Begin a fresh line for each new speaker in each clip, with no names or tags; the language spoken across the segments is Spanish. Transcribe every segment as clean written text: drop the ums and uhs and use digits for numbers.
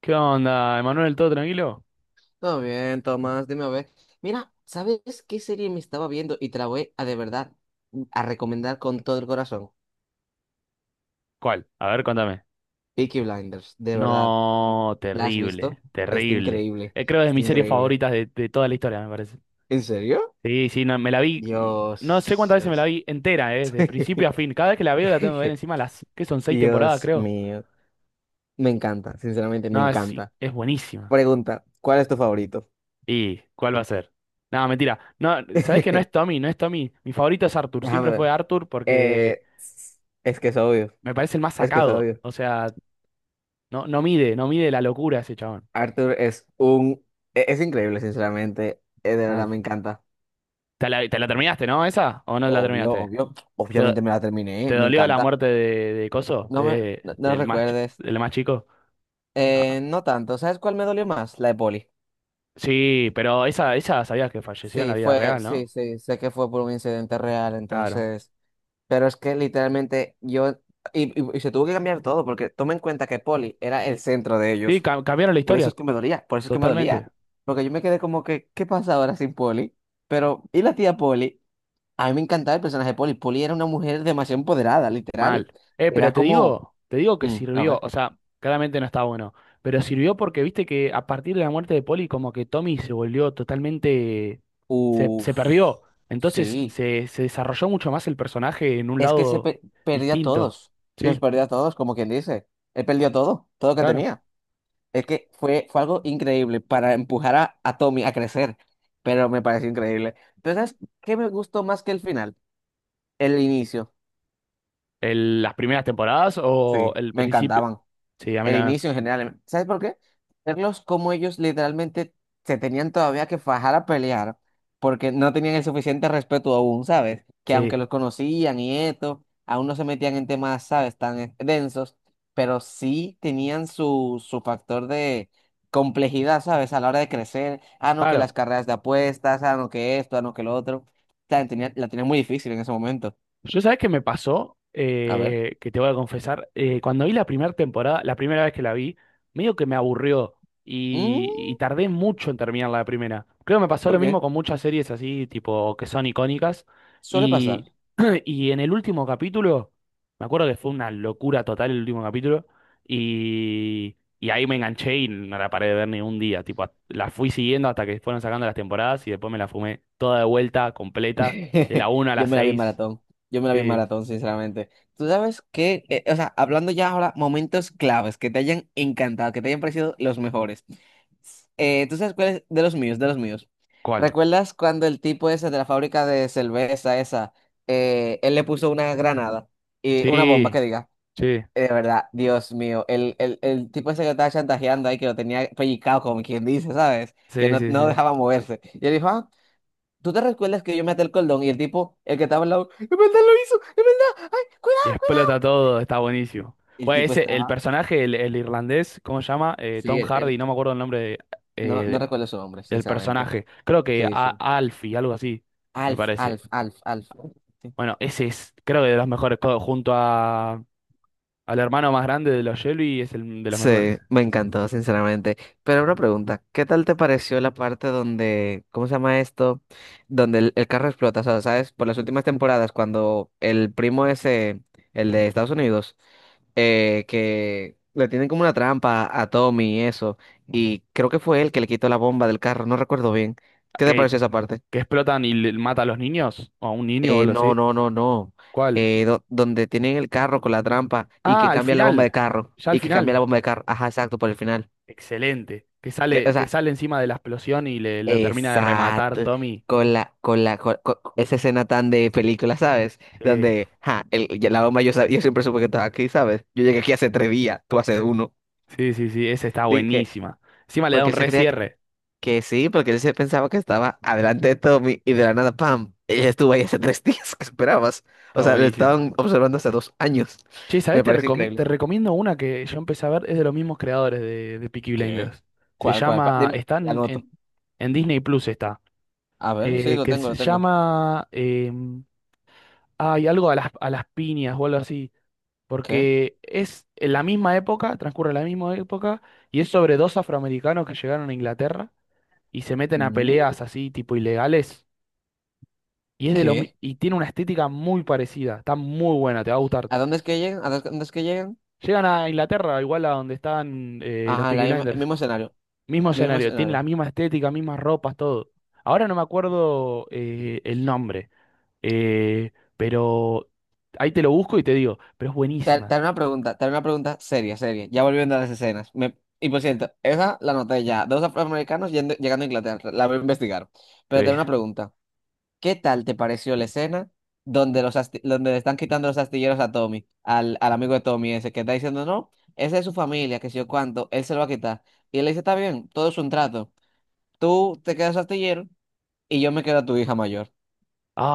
¿Qué onda, Emanuel? ¿Todo tranquilo?
Todo bien, Tomás, dime a ver. Mira, ¿sabes qué serie me estaba viendo? Y te la voy a de verdad a recomendar con todo el corazón.
¿Cuál? A ver, contame.
Peaky Blinders, de verdad.
No,
¿La has visto?
terrible,
Está
terrible.
increíble,
Creo que es de
está
mis series
increíble.
favoritas de toda la historia, me parece.
¿En serio?
Sí, sí, no, me la vi, no sé
Dios.
cuántas veces me la
Dios.
vi entera, de principio a fin. Cada vez que la veo la tengo que ver encima las, que son seis temporadas,
Dios
creo.
mío. Me encanta, sinceramente me
No, es, sí,
encanta.
es buenísima.
Pregunta, ¿cuál es tu favorito?
¿Y cuál va a ser? No, mentira. No, ¿sabés que no es Tommy? No es Tommy. Mi favorito es Arthur.
Déjame
Siempre fue
ver.
Arthur porque
Eh, es que es obvio,
me parece el más
es que es
sacado.
obvio.
O sea, no, no mide, no mide la locura ese chabón.
Arthur es un. Es increíble, sinceramente. De
Mal.
verdad me encanta.
Te la terminaste, no? ¿Esa? ¿O no la
Obvio,
terminaste?
obvio.
¿Te, do-
Obviamente me la terminé,
¿Te
me
dolió la
encanta.
muerte de Coso?
No me no, no
Del más,
recuerdes.
del más chico. Ah,
No tanto. ¿Sabes cuál me dolió más? La de Poli.
sí, pero esa sabías que falleció en la
Sí,
vida
fue,
real,
sí,
¿no?
sí, sé que fue por un incidente real,
Claro.
entonces. Pero es que literalmente yo. Y se tuvo que cambiar todo, porque toma en cuenta que Poli era el centro de
Sí,
ellos.
cambiaron la
Por eso
historia
es que me dolía, por eso es que me dolía.
totalmente.
Porque yo me quedé como que, ¿qué pasa ahora sin Poli? Pero, ¿y la tía Poli? A mí me encantaba el personaje de Polly. Polly era una mujer demasiado empoderada, literal.
Mal. Pero
Era como,
te digo que
a
sirvió,
ver,
o sea, claramente no está bueno, pero sirvió porque viste que a partir de la muerte de Polly como que Tommy se volvió totalmente, se
uff,
perdió, entonces
sí,
se desarrolló mucho más el personaje en un
es que se
lado
perdió a
distinto.
todos,
Sí,
los perdió a todos, como quien dice. Él perdió todo, todo que
claro.
tenía. Es que fue algo increíble para empujar a Tommy a crecer, pero me pareció increíble. Pero ¿sabes qué me gustó más que el final? El inicio.
Las primeras temporadas o
Sí,
el
me
principio.
encantaban.
Sí, a mí
El
también.
inicio en general. ¿Sabes por qué? Verlos como ellos literalmente se tenían todavía que fajar a pelear porque no tenían el suficiente respeto aún, ¿sabes? Que aunque
Sí,
los conocían y esto, aún no se metían en temas, ¿sabes? Tan densos, pero sí tenían su factor de complejidad, ¿sabes? A la hora de crecer. Ah, no, que las
claro.
carreras de apuestas, ah, no, que esto, ah, no, que lo otro. O sea, la tenían muy difícil en ese momento.
Yo sabés que me pasó.
A ver.
Que te voy a confesar, cuando vi la primera temporada, la primera vez que la vi, medio que me aburrió
Mm,
y tardé mucho en terminar la primera. Creo que me pasó lo
¿por
mismo
qué?
con muchas series así, tipo, que son icónicas.
Suele
Y,
pasar.
y en el último capítulo, me acuerdo que fue una locura total el último capítulo, y ahí me enganché y no la paré de ver ni un día. Tipo, la fui siguiendo hasta que fueron sacando las temporadas y después me la fumé toda de vuelta, completa, de la 1 a la
Yo me la vi en
6.
maratón. Yo me la vi en
Sí,
maratón, sinceramente. Tú sabes que, o sea, hablando ya ahora, momentos claves que te hayan encantado, que te hayan parecido los mejores. ¿Tú sabes cuál es? De los míos, de los míos.
¿cuál?
¿Recuerdas cuando el tipo ese de la fábrica de cerveza esa, él le puso una granada y una bomba
Sí,
que diga?
sí,
De verdad, Dios mío, el tipo ese que lo estaba chantajeando ahí, que lo tenía pellizcado, como quien dice, ¿sabes? Que
sí,
no,
sí,
no
sí.
dejaba moverse. Y él dijo, ah, ¿tú te recuerdas que yo me até el cordón y el tipo, el que estaba al lado, en verdad lo hizo, en verdad, ay,
Y
cuidado, cuidado.
explota todo, está buenísimo.
El
Bueno,
tipo
ese, el
estaba,
personaje, el irlandés, ¿cómo se llama?
sí,
Tom Hardy, no me acuerdo el nombre
no, no
eh,
recuerdo su nombre,
del
sinceramente.
personaje. Creo que
Sí,
a,
sí.
Alfie, algo así, me
Alf,
parece.
Alf, Alf, Alf. Sí.
Bueno, ese es, creo que de los mejores, junto a, al hermano más grande de los Shelby, es el de los
Sí,
mejores.
me encantó, sinceramente. Pero una pregunta, ¿qué tal te pareció la parte donde, ¿cómo se llama esto? Donde el carro explota, o sea, ¿sabes? Por las últimas temporadas, cuando el primo ese, el de Estados Unidos, que le tienen como una trampa a Tommy y eso. Y creo que fue él que le quitó la bomba del carro, no recuerdo bien. ¿Qué te
Que,
pareció esa parte?
que explotan y mata a los niños, o a un niño o
Eh,
algo
no,
así.
no, no, no.
¿Cuál?
Donde tienen el carro con la trampa y
Ah,
que
al
cambian la bomba de
final,
carro
ya al
y que cambian la
final.
bomba de carro. Ajá, exacto, por el final.
Excelente.
Que, o
Que
sea,
sale encima de la explosión y le, lo termina de rematar
exacto.
Tommy.
Con la, con la, con esa escena tan de película, ¿sabes?
Sí,
Donde, ja, ya la bomba yo, yo siempre supe que estaba aquí, ¿sabes? Yo llegué aquí hace 3 días, tú hace uno.
sí, sí, sí, esa está
Dije,
buenísima. Encima le da
porque
un
él se creía que.
recierre.
Que sí, porque él se pensaba que estaba adelante de Tommy y de la nada, ¡pam! Ella estuvo ahí hace tres días que esperabas. O
Está
sea, le
buenísimo.
estaban observando hace 2 años.
Che, ¿sabés?
Me parece increíble.
Te recomiendo una que yo empecé a ver, es de los mismos creadores de Peaky
¿Qué?
Blinders. Se
¿Cuál, cuál?
llama,
Dime,
está
la
en,
anoto.
en Disney Plus está.
A ver, sí, lo
Que
tengo,
se
lo tengo.
llama, hay algo a las piñas o algo así.
¿Qué?
Porque es en la misma época, transcurre la misma época, y es sobre dos afroamericanos que llegaron a Inglaterra y se meten a
Mm,
peleas así tipo ilegales y es de los mi-
¿Qué?
y tiene una estética muy parecida, está muy buena, te va a gustar.
¿A dónde es que llegan? ¿A dónde es que llegan?
Llegan a Inglaterra, igual a donde están los
Ajá,
Peaky Blinders,
mismo escenario,
mismo
mismo
escenario, tiene la
escenario.
misma estética, mismas ropas, todo. Ahora no me acuerdo el nombre, eh, pero ahí te lo busco y te digo, pero es
Te
buenísima.
haré una pregunta, te haré una pregunta seria, seria. Ya volviendo a las escenas. Y por cierto, esa la anoté ya. Dos afroamericanos llegando a Inglaterra. La voy a investigar. Pero te haré una
Eh,
pregunta. ¿Qué tal te pareció la escena donde, donde le están quitando los astilleros a Tommy, al amigo de Tommy ese, que está diciendo, no, esa es su familia, que si yo cuánto, él se lo va a quitar. Y él le dice, está bien, todo es un trato. Tú te quedas astillero y yo me quedo a tu hija mayor.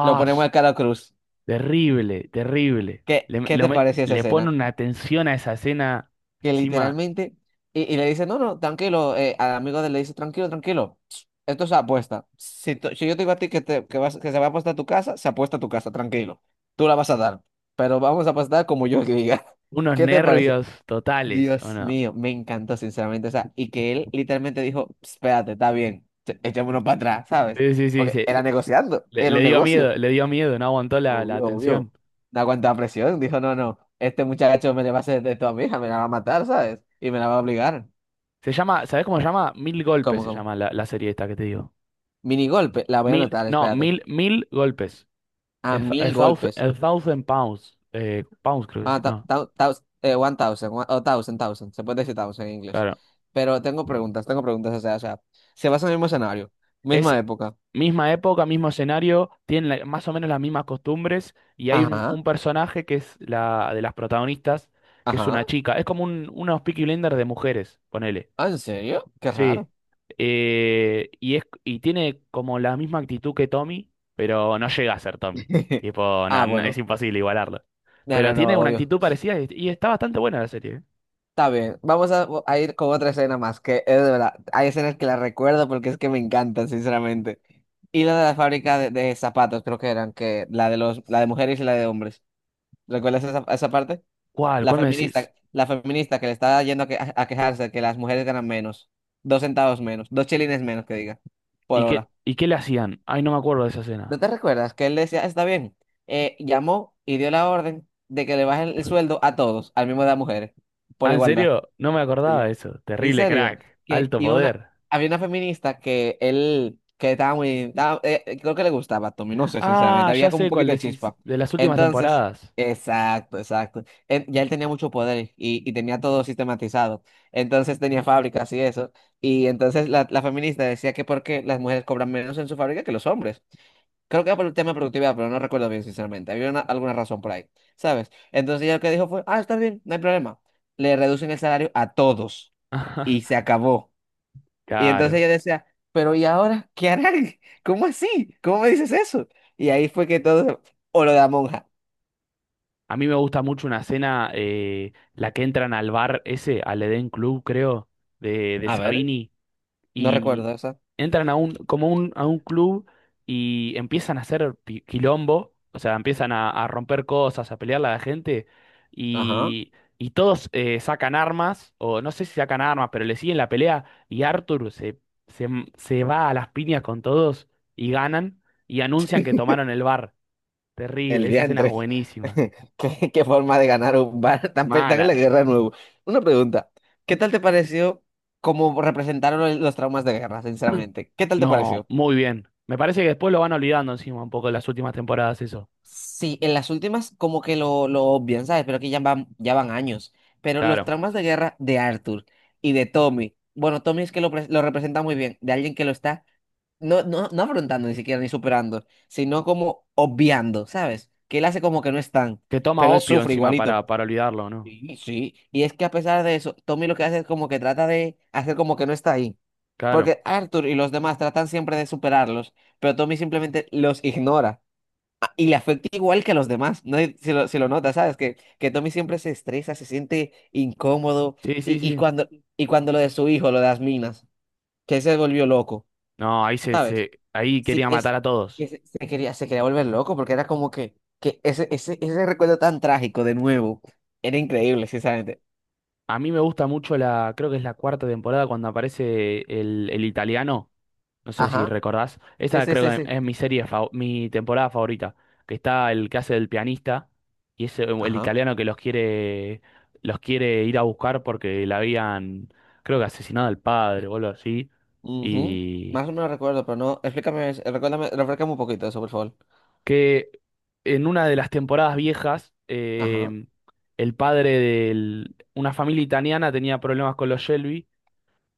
Lo ponemos
es
al cara cruz.
terrible, terrible.
¿Qué,
Le,
qué te pareció esa
le pone
escena?
una tensión a esa escena,
Que
encima,
literalmente, y le dice, no, no, tranquilo, al amigo de él le dice, tranquilo, tranquilo, esto es apuesta. Si yo te digo a ti que, vas, que se va a apostar a tu casa, se apuesta a tu casa, tranquilo, tú la vas a dar, pero vamos a apostar como yo diga.
unos
¿Qué te parece?
nervios totales, ¿o
Dios
no?
mío, me encantó, sinceramente, o sea, y que él literalmente dijo, espérate, está bien, echémonos para atrás, ¿sabes?
Sí, sí, sí,
Porque era negociando,
le,
era un negocio.
le dio miedo, no aguantó la, la
Obvio, obvio.
atención.
Da cuánta presión. Dijo, no, no, este muchacho me le va a hacer esto a mi hija, me la va a matar, ¿sabes? Y me la va a obligar.
Se llama, ¿sabés cómo se llama? Mil golpes
¿Cómo,
se
cómo?
llama la, la serie esta que te digo.
Mini golpe, la voy a
Mil,
anotar,
no,
espérate.
mil, mil golpes. A,
Ah, mil golpes.
a thousand pounds. Pounds creo que
Ah,
sí, no,
one thousand, o thousand, thousand. Se puede decir thousand en inglés.
claro.
Pero tengo preguntas, o sea, se basa en el mismo escenario,
Es
misma época.
misma época, mismo escenario, tienen más o menos las mismas costumbres y hay
Ajá,
un personaje que es la de las protagonistas, que es
ajá.
una chica. Es como un, unos Peaky Blinders de mujeres, ponele.
Ah, ¿en serio? Qué
Sí,
raro.
y, es, y tiene como la misma actitud que Tommy, pero no llega a ser Tommy. Tipo, no,
Ah,
es
bueno.
imposible igualarlo.
No,
Pero
no,
tiene
no,
una
obvio.
actitud parecida y está bastante buena la serie, ¿eh?
Está bien, vamos a ir con otra escena más, que es de verdad, hay escenas que las recuerdo porque es que me encantan, sinceramente. Y la de la fábrica de zapatos, creo que eran, que la de mujeres y la de hombres. ¿Recuerdas esa parte?
¿Cuál? ¿Cuál me decís?
La feminista que le estaba yendo a, a quejarse que las mujeres ganan menos, 2 centavos menos, 2 chelines menos que diga, por hora.
Y qué le hacían? Ay, no me acuerdo de esa
¿No
escena.
te recuerdas que él decía, "Ah, está bien? Llamó y dio la orden de que le bajen el sueldo a todos, al mismo de las mujeres, por
Ah, ¿en
igualdad.
serio? No me acordaba
Sí.
de eso.
En
Terrible
serio,
crack.
que
Alto
iba una,
poder.
había una feminista que él, que estaba muy, creo que le gustaba Tommy, no sé, sinceramente,
Ah, ya
había como un
sé cuál
poquito de
decís.
chispa.
De las últimas
Entonces,
temporadas.
exacto, exacto. Ya él tenía mucho poder y tenía todo sistematizado. Entonces tenía fábricas y eso. Y entonces la feminista decía que porque las mujeres cobran menos en su fábrica que los hombres. Creo que era por el tema de productividad, pero no recuerdo bien, sinceramente. Había alguna razón por ahí, ¿sabes? Entonces ella lo que dijo fue, ah, está bien, no hay problema. Le reducen el salario a todos y se acabó. Y entonces
Claro.
ella decía, pero ¿y ahora qué harán? ¿Cómo así? ¿Cómo me dices eso? Y ahí fue que todo, o lo de la monja.
A mí me gusta mucho una escena, la que entran al bar ese, al Eden Club, creo, de
A ver.
Sabini,
No
y
recuerdo eso.
entran a un, como un, a un club y empiezan a hacer quilombo, o sea, empiezan a romper cosas, a pelearle a la gente,
Ajá.
y, y todos sacan armas, o no sé si sacan armas, pero le siguen la pelea, y Arthur se, se, se va a las piñas con todos y ganan, y anuncian que tomaron el bar. Terrible,
El
esa escena es
diantre.
buenísima.
¿Qué forma de ganar un bar? Tan en
Mala.
la guerra de nuevo. Una pregunta. ¿Qué tal te pareció cómo representaron los traumas de guerra, sinceramente? ¿Qué tal te
No,
pareció?
muy bien. Me parece que después lo van olvidando encima un poco en las últimas temporadas eso.
Sí, en las últimas como que lo obvian, ¿sabes? Pero que ya van años. Pero los
Claro.
traumas de guerra de Arthur y de Tommy, bueno, Tommy es que lo representa muy bien, de alguien que lo está no, no, no afrontando ni siquiera ni superando, sino como obviando, ¿sabes? Que él hace como que no están,
Que toma
pero él
opio
sufre
encima
igualito.
para olvidarlo, ¿no?
Sí, sí. Y es que a pesar de eso, Tommy lo que hace es como que trata de hacer como que no está ahí.
Claro.
Porque Arthur y los demás tratan siempre de superarlos, pero Tommy simplemente los ignora. Ah, y le afecta igual que a los demás, ¿no? Y se lo nota, ¿sabes? Que Tommy siempre se estresa, se siente incómodo.
Sí, sí,
Y, y,
sí.
cuando, y cuando lo de su hijo, lo de las minas, que se volvió loco,
No, ahí se,
¿sabes?
se, ahí
Sí,
quería matar
es,
a
que
todos.
se quería, se quería volver loco porque era como que ese recuerdo tan trágico de nuevo era increíble, sinceramente.
A mí me gusta mucho la, creo que es la cuarta temporada cuando aparece el italiano. No sé si
Ajá,
recordás.
sí,
Esa
sí, sí,
creo
sí.
que es mi serie, mi temporada favorita. Que está el que hace del pianista y es el
Ajá.
italiano que los quiere ir a buscar porque le habían, creo que asesinado al padre o algo así.
Ujú.
Y
Más o menos recuerdo, pero no, explícame, recuérdame, refrescame un poquito eso, por favor.
que en una de las temporadas viejas,
Ajá.
el padre de una familia italiana tenía problemas con los Shelby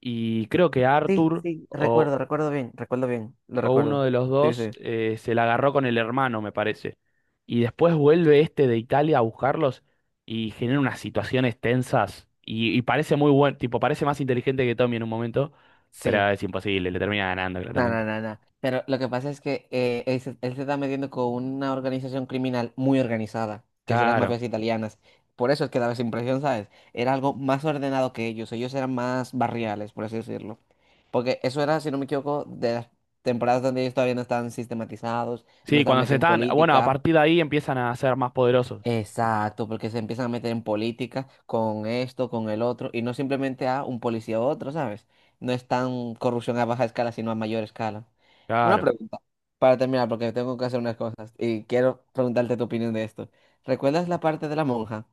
y creo que
Sí,
Arthur.
sí, recuerdo, recuerdo bien, lo
O uno
recuerdo.
de los
Sí,
dos
sí.
se la agarró con el hermano, me parece. Y después vuelve este de Italia a buscarlos y genera unas situaciones tensas. Y parece muy buen, tipo, parece más inteligente que Tommy en un momento, pero
Sí.
es imposible, le termina ganando
No, no,
claramente.
no, no. Pero lo que pasa es que él se está metiendo con una organización criminal muy organizada, que son las
Claro.
mafias italianas. Por eso es que daba esa impresión, ¿sabes? Era algo más ordenado que ellos. Ellos eran más barriales, por así decirlo. Porque eso era, si no me equivoco, de las temporadas donde ellos todavía no estaban sistematizados, no
Sí,
estaban
cuando se
metidos en
están, bueno, a
política.
partir de ahí empiezan a ser más poderosos.
Exacto, porque se empiezan a meter en política con esto, con el otro, y no simplemente a un policía u otro, ¿sabes? No es tan corrupción a baja escala, sino a mayor escala. Una
Claro.
pregunta, para terminar, porque tengo que hacer unas cosas y quiero preguntarte tu opinión de esto. ¿Recuerdas la parte de la monja?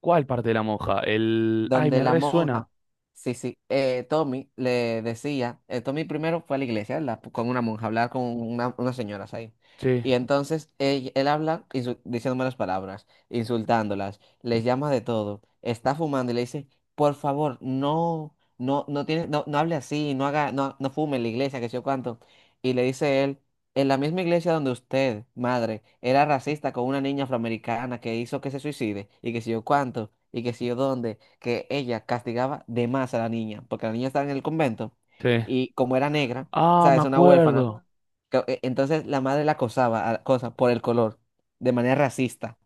¿Cuál parte de la monja? El... Ay,
Donde
me
la monja,
resuena.
sí, sí, Tommy le decía, Tommy primero fue a la iglesia, ¿verdad? Con una monja, a hablar con unas señoras ahí.
Sí,
Y entonces él habla diciendo malas palabras, insultándolas, les llama de todo, está fumando y le dice, por favor, no, no, no tiene, no, no hable así, no haga, no, no fume en la iglesia, que sé yo cuánto. Y le dice él, en la misma iglesia donde usted, madre, era racista con una niña afroamericana que hizo que se suicide, y que sé yo cuánto, y que sé yo dónde que ella castigaba de más a la niña, porque la niña estaba en el convento
sí.
y como era negra,
Ah, me
sabes, una huérfana,
acuerdo.
bueno. Entonces la madre la acosaba cosa, por el color, de manera racista,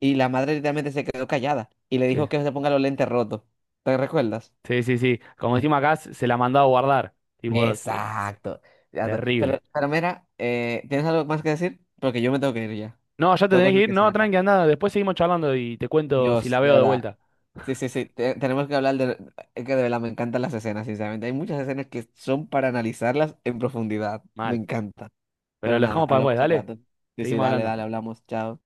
y la madre literalmente se quedó callada y le
Sí,
dijo que se ponga los lentes rotos. ¿Te recuerdas?
sí, sí, sí. Como decimos acá, se la mandó a guardar. Tipo, es
Exacto. Ya te-
terrible.
Pero, pero mira, ¿tienes algo más que decir? Porque yo me tengo que ir ya.
No, ya te
Tengo
tenés que
cosas
ir.
que hacer
No,
acá.
tranqui, andá. Después seguimos charlando y te cuento si la
Dios, de
veo de
verdad.
vuelta.
Sí, sí, sí, tenemos que hablar de. Es que de verdad me encantan las escenas, sinceramente. Hay muchas escenas que son para analizarlas en profundidad. Me
Mal.
encanta.
Pero
Pero
lo
nada,
dejamos para después,
hablamos al
dale.
rato. Sí, sí,
Seguimos
dale,
hablando.
dale, hablamos. Chao.